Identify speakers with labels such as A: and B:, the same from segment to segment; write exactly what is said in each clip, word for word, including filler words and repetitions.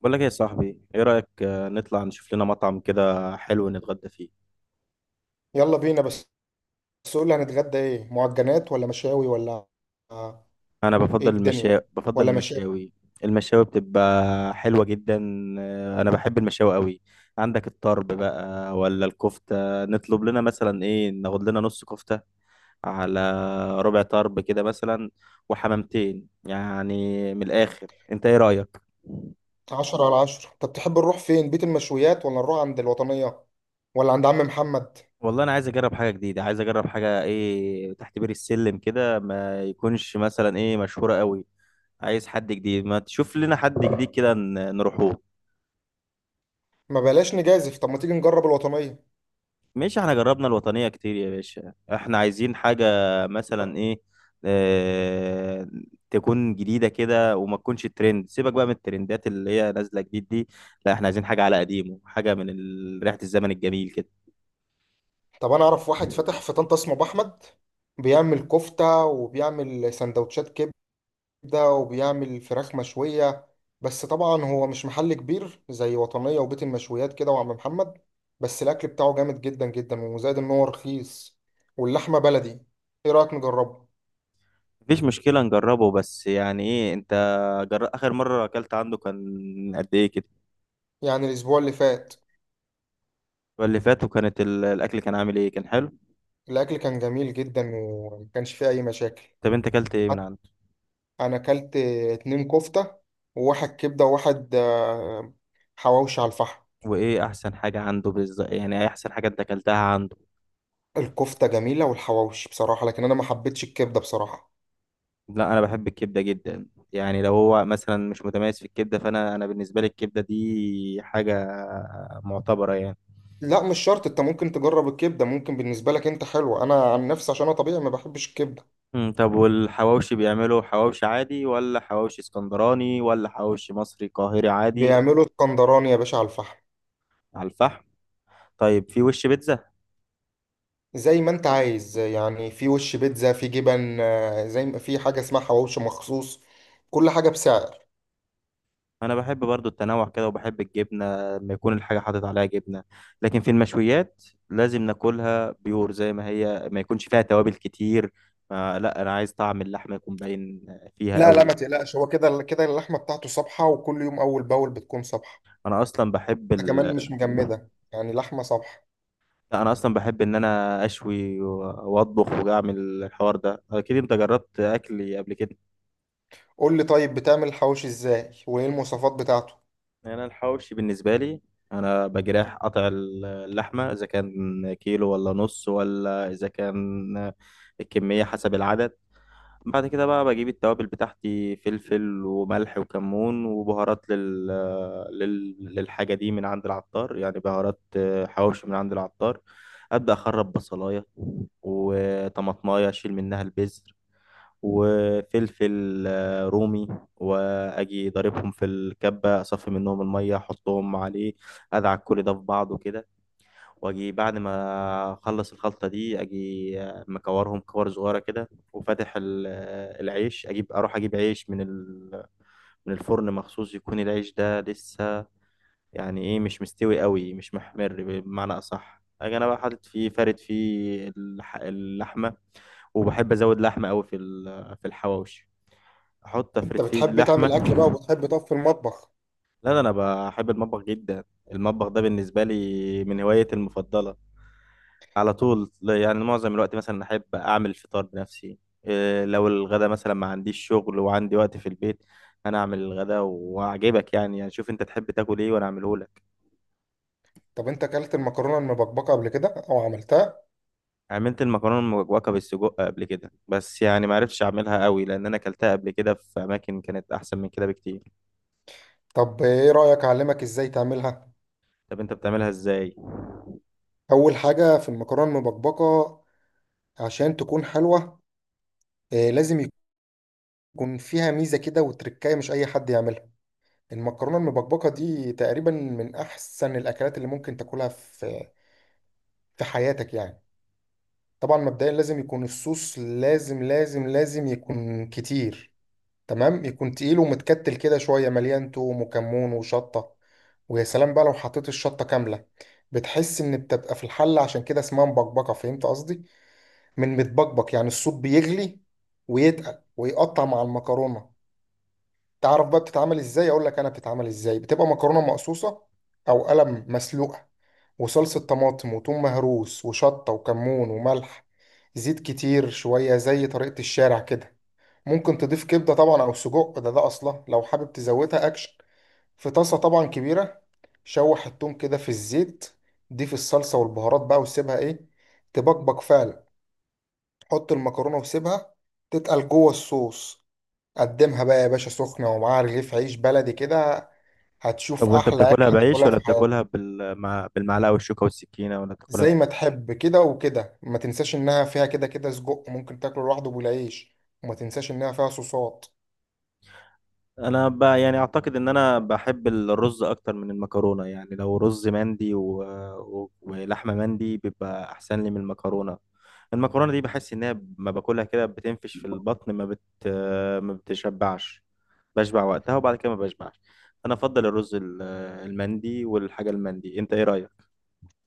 A: بقول لك إيه يا صاحبي، ايه رأيك، آه، نطلع نشوف لنا مطعم كده حلو نتغدى فيه.
B: يلا بينا. بس بس قول لي، هنتغدى ايه؟ معجنات ولا مشاوي ولا آه،
A: انا
B: ايه
A: بفضل
B: الدنيا؟
A: المشا بفضل
B: ولا مشاوي.
A: المشاوي. المشاوي بتبقى حلوة جدا. آه، انا بحب المشاوي قوي. عندك الطرب بقى ولا الكفتة؟ نطلب لنا مثلا ايه، ناخد لنا نص كفتة على ربع طرب كده مثلا، وحمامتين يعني من الاخر. انت ايه رأيك؟
B: عشرة على عشرة. طب تحب نروح فين؟ بيت المشويات ولا نروح عند الوطنية ولا عند عم محمد؟
A: والله انا عايز اجرب حاجه جديده، عايز اجرب حاجه ايه تحت بير السلم كده، ما يكونش مثلا ايه مشهوره قوي. عايز حد جديد، ما تشوف لنا حد جديد كده ن- نروحوه.
B: ما بلاش نجازف، طب ما تيجي نجرب الوطنية.
A: ماشي، احنا جربنا الوطنية كتير يا باشا، احنا عايزين حاجة مثلا ايه، اه تكون جديدة كده وما تكونش ترند. سيبك بقى من الترندات اللي هي نازلة جديد دي. لا، احنا عايزين حاجة على قديمه، حاجة من ال- ريحة الزمن الجميل كده.
B: طب انا اعرف واحد فاتح في طنطا اسمه ابو احمد، بيعمل كفتة وبيعمل سندوتشات كبدة، ده وبيعمل فراخ مشوية. بس طبعا هو مش محل كبير زي وطنية وبيت المشويات كده وعم محمد، بس الأكل بتاعه جامد جدا جدا، وزائد إن هو رخيص واللحمة بلدي. إيه رأيك نجربه؟
A: مفيش مشكلة نجربه، بس يعني ايه انت، جر... اخر مرة اكلت عنده كان قد ايه كده؟
B: يعني الأسبوع اللي فات،
A: واللي فات، وكانت ال- الاكل كان عامل ايه، كان حلو؟
B: الأكل كان جميل جدا، ومكانش فيه أي مشاكل.
A: طب انت اكلت ايه من
B: حت-
A: عنده؟
B: أنا أكلت اتنين كفتة، وواحد كبدة، وواحد آه، حواوشي على الفحم.
A: وايه احسن حاجه عنده بالظبط، يعني ايه احسن حاجه انت اكلتها عنده؟
B: الكفتة جميلة والحواوشي بصراحة، لكن أنا ما حبيتش الكبدة بصراحة.
A: لا، انا بحب الكبده جدا. يعني لو هو مثلا مش متميز في الكبده فانا انا بالنسبه لي الكبده دي حاجه معتبره يعني.
B: لا مش شرط، انت ممكن تجرب الكبده، ممكن بالنسبه لك انت حلوه. انا عن نفسي، عشان انا طبيعي، ما بحبش الكبده.
A: مم، طب والحواوشي بيعملوا حواوشي عادي ولا حواوشي اسكندراني ولا حواوشي مصري قاهري عادي؟
B: بيعملوا اسكندراني يا باشا، على الفحم.
A: على الفحم. طيب في وش بيتزا؟
B: زي ما انت عايز يعني، في وش بيتزا، في جبن، آه، زي ما في حاجه اسمها حواوشي مخصوص. كل حاجه بسعر.
A: انا بحب برضو التنوع كده وبحب الجبنه، لما يكون الحاجه حاطط عليها جبنه. لكن في المشويات لازم ناكلها بيور زي ما هي، ما يكونش فيها توابل كتير. ما لا، انا عايز طعم اللحمه يكون باين فيها
B: لا
A: قوي.
B: لا ما تقلقش، هو كده كده اللحمه بتاعته صبحه، وكل يوم اول باول بتكون صبحه.
A: انا اصلا بحب
B: ده كمان
A: ال...
B: مش مجمده، يعني لحمه صبحه.
A: لا، انا اصلا بحب ان انا اشوي و- واطبخ واعمل. الحوار ده اكيد انت جربت اكلي قبل كده.
B: قول لي طيب، بتعمل الحواوشي ازاي؟ وايه المواصفات بتاعته؟
A: انا الحواوشي بالنسبه لي، انا بجرح قطع اللحمه، اذا كان كيلو ولا نص، ولا اذا كان الكميه حسب العدد. بعد كده بقى بجيب التوابل بتاعتي، فلفل وملح وكمون وبهارات لل... لل... للحاجة دي من عند العطار، يعني بهارات آه، حواوشي من عند العطار. أبدأ أخرب بصلاية وطماطماية، أشيل منها البذر، وفلفل آه، رومي، وأجي ضاربهم في الكبة، أصفي منهم المية، أحطهم عليه، أدعك كل ده في بعضه كده. واجي بعد ما اخلص الخلطه دي اجي مكورهم كور صغيره كده. وفاتح ال- العيش، اجيب اروح اجيب عيش من ال- من الفرن مخصوص، يكون العيش ده لسه يعني ايه مش مستوي قوي، مش محمر بمعنى اصح. اجي انا بقى حاطط فيه، فارد فيه اللح- اللحمه. وبحب ازود لحمه قوي في ال- في الحواوشي، احط
B: انت
A: افرد فيه
B: بتحب
A: اللحمه.
B: تعمل اكل بقى وبتحب تقف في المطبخ؟
A: لا، ده انا بحب المطبخ جدا. المطبخ ده بالنسبه لي من هوايتي المفضله على طول. لا، يعني معظم الوقت مثلا احب اعمل الفطار بنفسي. إيه، لو الغدا مثلا ما عنديش شغل وعندي وقت في البيت، انا اعمل الغدا واعجبك يعني يعني شوف انت تحب تاكل ايه وانا اعمله لك.
B: طب انت اكلت المكرونه المبكبكه قبل كده او عملتها؟
A: عملت المكرونه المجوكه بالسجق قبل كده، بس يعني ما عرفتش اعملها قوي، لان انا اكلتها قبل كده في اماكن كانت احسن من كده بكتير.
B: طب ايه رايك اعلمك ازاي تعملها؟
A: طب انت بتعملها ازاي؟
B: اول حاجه في المكرونه المبكبكه، عشان تكون حلوه، آه، لازم يكون فيها ميزه كده وتركايه، مش اي حد يعملها. المكرونه المبكبكه دي تقريبا من احسن الاكلات اللي ممكن تاكلها في في حياتك يعني. طبعا مبدئيا لازم يكون الصوص، لازم لازم لازم يكون كتير. تمام، يكون تقيل ومتكتل كده شوية، مليان توم وكمون وشطة. ويا سلام بقى لو حطيت الشطة كاملة، بتحس إن بتبقى في الحلة، عشان كده اسمها مبكبكة. فهمت قصدي؟ من متبكبك، يعني الصوت بيغلي ويتقل ويقطع مع المكرونة. تعرف بقى بتتعمل إزاي؟ أقول لك أنا بتتعمل إزاي. بتبقى مكرونة مقصوصة أو قلم مسلوقة، وصلصة طماطم وتوم مهروس وشطة وكمون وملح، زيت كتير شوية، زي طريقة الشارع كده. ممكن تضيف كبدة طبعا أو سجق، ده ده أصلا لو حابب تزودها أكشن. في طاسة طبعا كبيرة، شوح التوم كده في الزيت، ضيف الصلصة والبهارات بقى، وسيبها إيه، تبقبق فعلا. حط المكرونة وسيبها تتقل جوه الصوص. قدمها بقى يا باشا سخنة، ومعاها رغيف عيش بلدي كده.
A: طب
B: هتشوف
A: وانت
B: أحلى
A: بتاكلها
B: أكلة
A: بعيش
B: تاكلها في
A: ولا
B: حياتك.
A: بتاكلها بالمع... بالمعلقه والشوكه والسكينه، ولا بتاكلها؟
B: زي ما تحب كده، وكده ما تنساش إنها فيها كده كده سجق، ممكن تاكله لوحده بالعيش. وما تنساش إنها فيها صوصات.
A: انا ب... يعني اعتقد ان انا بحب الرز اكتر من المكرونه، يعني لو رز مندي و... و... ولحمه مندي بيبقى احسن لي من المكرونه. المكرونه دي بحس ان هي ما باكلها كده بتنفش في البطن، ما بت... ما بتشبعش، بشبع وقتها وبعد كده ما بشبعش. انا افضل الرز ال- المندي والحاجه المندي. انت ايه رايك؟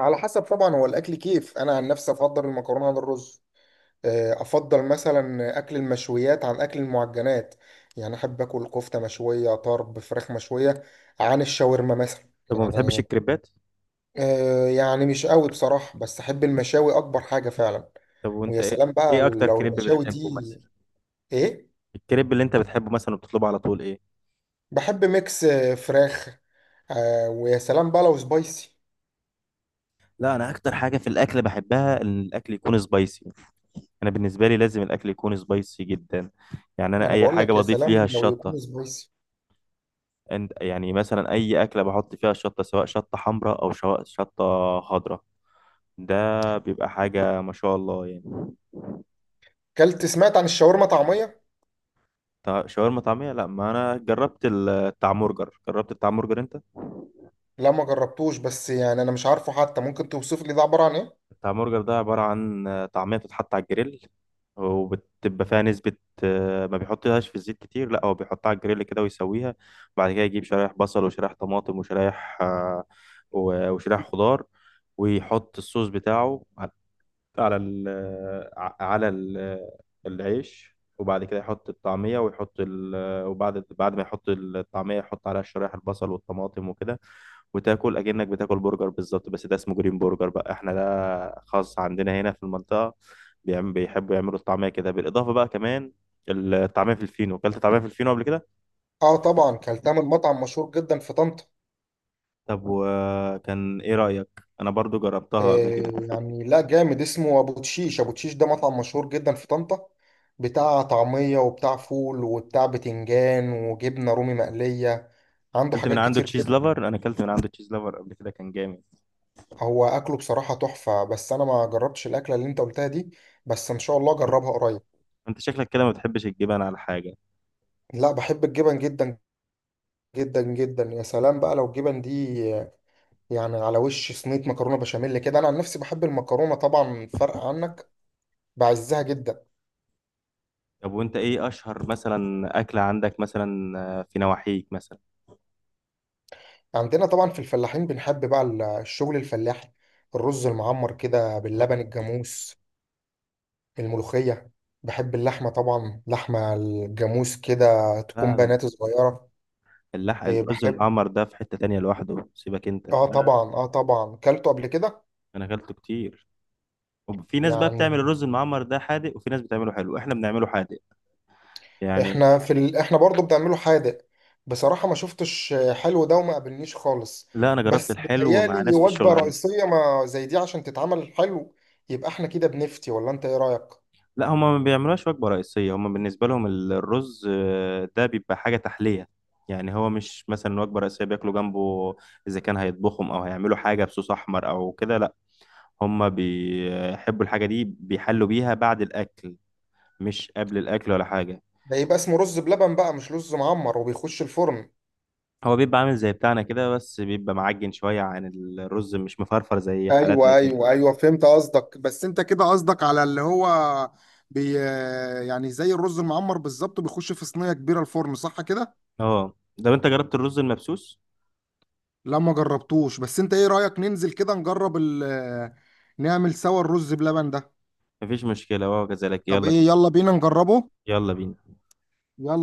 B: على حسب طبعا، هو الاكل كيف. انا عن نفسي افضل المكرونه عن الرز. آه، افضل مثلا اكل المشويات عن اكل المعجنات. يعني احب اكل كفته مشويه، طرب، فراخ مشويه، عن الشاورما مثلا.
A: طب ما بتحبش
B: يعني
A: الكريبات؟
B: آه، يعني مش قوي بصراحه، بس احب المشاوي اكبر حاجه فعلا.
A: طب وانت
B: ويا
A: ايه
B: سلام بقى
A: ايه اكتر
B: لو
A: كريب
B: المشاوي دي
A: بتحبه مثلا؟
B: ايه.
A: الكريب اللي انت بتحبه مثلا وبتطلبه على طول ايه؟
B: بحب ميكس، آه، فراخ. آه، ويا سلام بقى لو سبايسي.
A: لا، انا اكتر حاجه في الاكل بحبها ان الاكل يكون سبايسي. انا بالنسبه لي لازم الاكل يكون سبايسي جدا، يعني
B: ما
A: انا
B: انا
A: اي
B: بقول
A: حاجه
B: لك، يا
A: بضيف ليها
B: سلام لو
A: الشطه.
B: يكون سبايسي.
A: أنت- يعني مثلا اي اكله بحط فيها الشطه، سواء شطه حمراء او شو- شطه خضراء، ده بيبقى حاجه ما شاء الله يعني.
B: كلت سمعت عن الشاورما طعميه؟
A: طا- شاورما طعميه؟ لا، ما انا جربت التعمورجر جربت التعمورجر، انت؟
B: لا ما جربتوش، بس يعني انا مش عارفه حتى، ممكن توصف لي ده عباره عن ايه؟
A: بتاع برجر ده عبارة عن آه، طعمية بتتحط على الجريل، وبتبقى فيها نسبة آه، ما بيحطهاش في الزيت كتير، لا هو بيحطها على الجريل كده ويسويها. وبعد كده يجيب شرايح بصل وشرايح طماطم وشرايح آه، و- وشرايح خضار. ويحط الصوص بتاعه على على ال ع- على ال- العيش، وبعد كده يحط الطعمية ويحط ال وبعد بعد ما يحط الطعمية يحط عليها شرايح البصل والطماطم وكده. وتاكل اكنك بتاكل برجر بالظبط، بس ده اسمه جرين برجر بقى، احنا ده خاص عندنا هنا في المنطقه. بيعم- بيحبوا يعملوا الطعميه كده، بالاضافه بقى كمان الطعميه في الفينو. اكلت طعميه في الفينو قبل كده؟
B: اه طبعا، كلتها من مطعم مشهور جدا في طنطا.
A: طب وكان ايه رايك؟ انا برضو جربتها قبل كده.
B: آه يعني، لا جامد، اسمه ابو تشيش. ابو تشيش ده مطعم مشهور جدا في طنطا، بتاع طعميه وبتاع فول وبتاع بتنجان وجبنه رومي مقليه. عنده
A: اكلت من
B: حاجات
A: عنده
B: كتير
A: تشيز
B: جدا.
A: لافر انا اكلت من عنده تشيز لافر قبل كده، كان جامد.
B: هو اكله بصراحه تحفه، بس انا ما جربتش الاكله اللي انت قلتها دي، بس ان شاء الله اجربها قريب.
A: انت شكلك كده ما بتحبش الجبن على حاجه.
B: لا بحب الجبن جدا جدا جدا. يا سلام بقى لو الجبن دي يعني على وش صينية مكرونة بشاميل كده. أنا عن نفسي بحب المكرونة طبعا، فرق عنك، بعزها جدا.
A: طب وانت ايه اشهر مثلا اكله عندك مثلا، آه، في نواحيك مثلا؟
B: عندنا طبعا في الفلاحين بنحب بقى ال- الشغل الفلاحي. الرز المعمر كده باللبن الجاموس، الملوخية. بحب اللحمة طبعا، لحمة الجاموس كده، تكون
A: لا،
B: بنات صغيرة.
A: اللحق
B: إيه،
A: الرز
B: بحب.
A: المعمر ده في حته تانية لوحده، سيبك انت
B: اه
A: ده.
B: طبعا، اه طبعا كلته قبل كده.
A: انا اكلته كتير. وفي ناس بقى
B: يعني
A: بتعمل الرز المعمر ده حادق، وفي ناس بتعمله حلو، احنا بنعمله حادق يعني.
B: احنا في ال... احنا برضو بنعمله حادق. بصراحة ما شفتش حلو ده، وما قابلنيش خالص.
A: لا، انا جربت
B: بس
A: الحلو مع
B: بتهيألي
A: ناس في الشغل
B: وجبة
A: عندي.
B: رئيسية ما زي دي عشان تتعمل حلو. يبقى احنا كده بنفتي ولا انت ايه رأيك؟
A: لا، هما ما بيعملوهاش وجبة رئيسية. هما بالنسبة لهم ال- الرز آه، ده بيبقى حاجة تحلية يعني. هو مش مثلا وجبة رئيسية بياكلوا جنبه، إذا كان هيطبخهم أو هيعملوا حاجة بصوص أحمر أو كده. لا، هما بيحبوا الحاجة دي بيحلوا بيها بعد الأكل، مش قبل الأكل ولا حاجة.
B: ده يبقى اسمه رز بلبن بقى، مش رز معمر وبيخش الفرن.
A: هو بيبقى عامل زي بتاعنا كده، بس بيبقى معجن شوية عن الرز، مش مفرفر زي حالاتنا
B: ايوه
A: كده.
B: ايوه ايوه، فهمت قصدك. بس انت كده قصدك على اللي هو بي يعني زي الرز المعمر بالظبط، بيخش في صينيه كبيره الفرن، صح كده؟
A: اه. طب انت جربت الرز المبسوس؟
B: لا ما جربتوش، بس انت ايه رايك ننزل كده نجرب ال... نعمل سوا الرز بلبن ده.
A: مفيش مشكله وهو كذلك،
B: طب
A: يلا
B: ايه،
A: بينا.
B: يلا بينا نجربه.
A: يلا بينا.
B: يلا.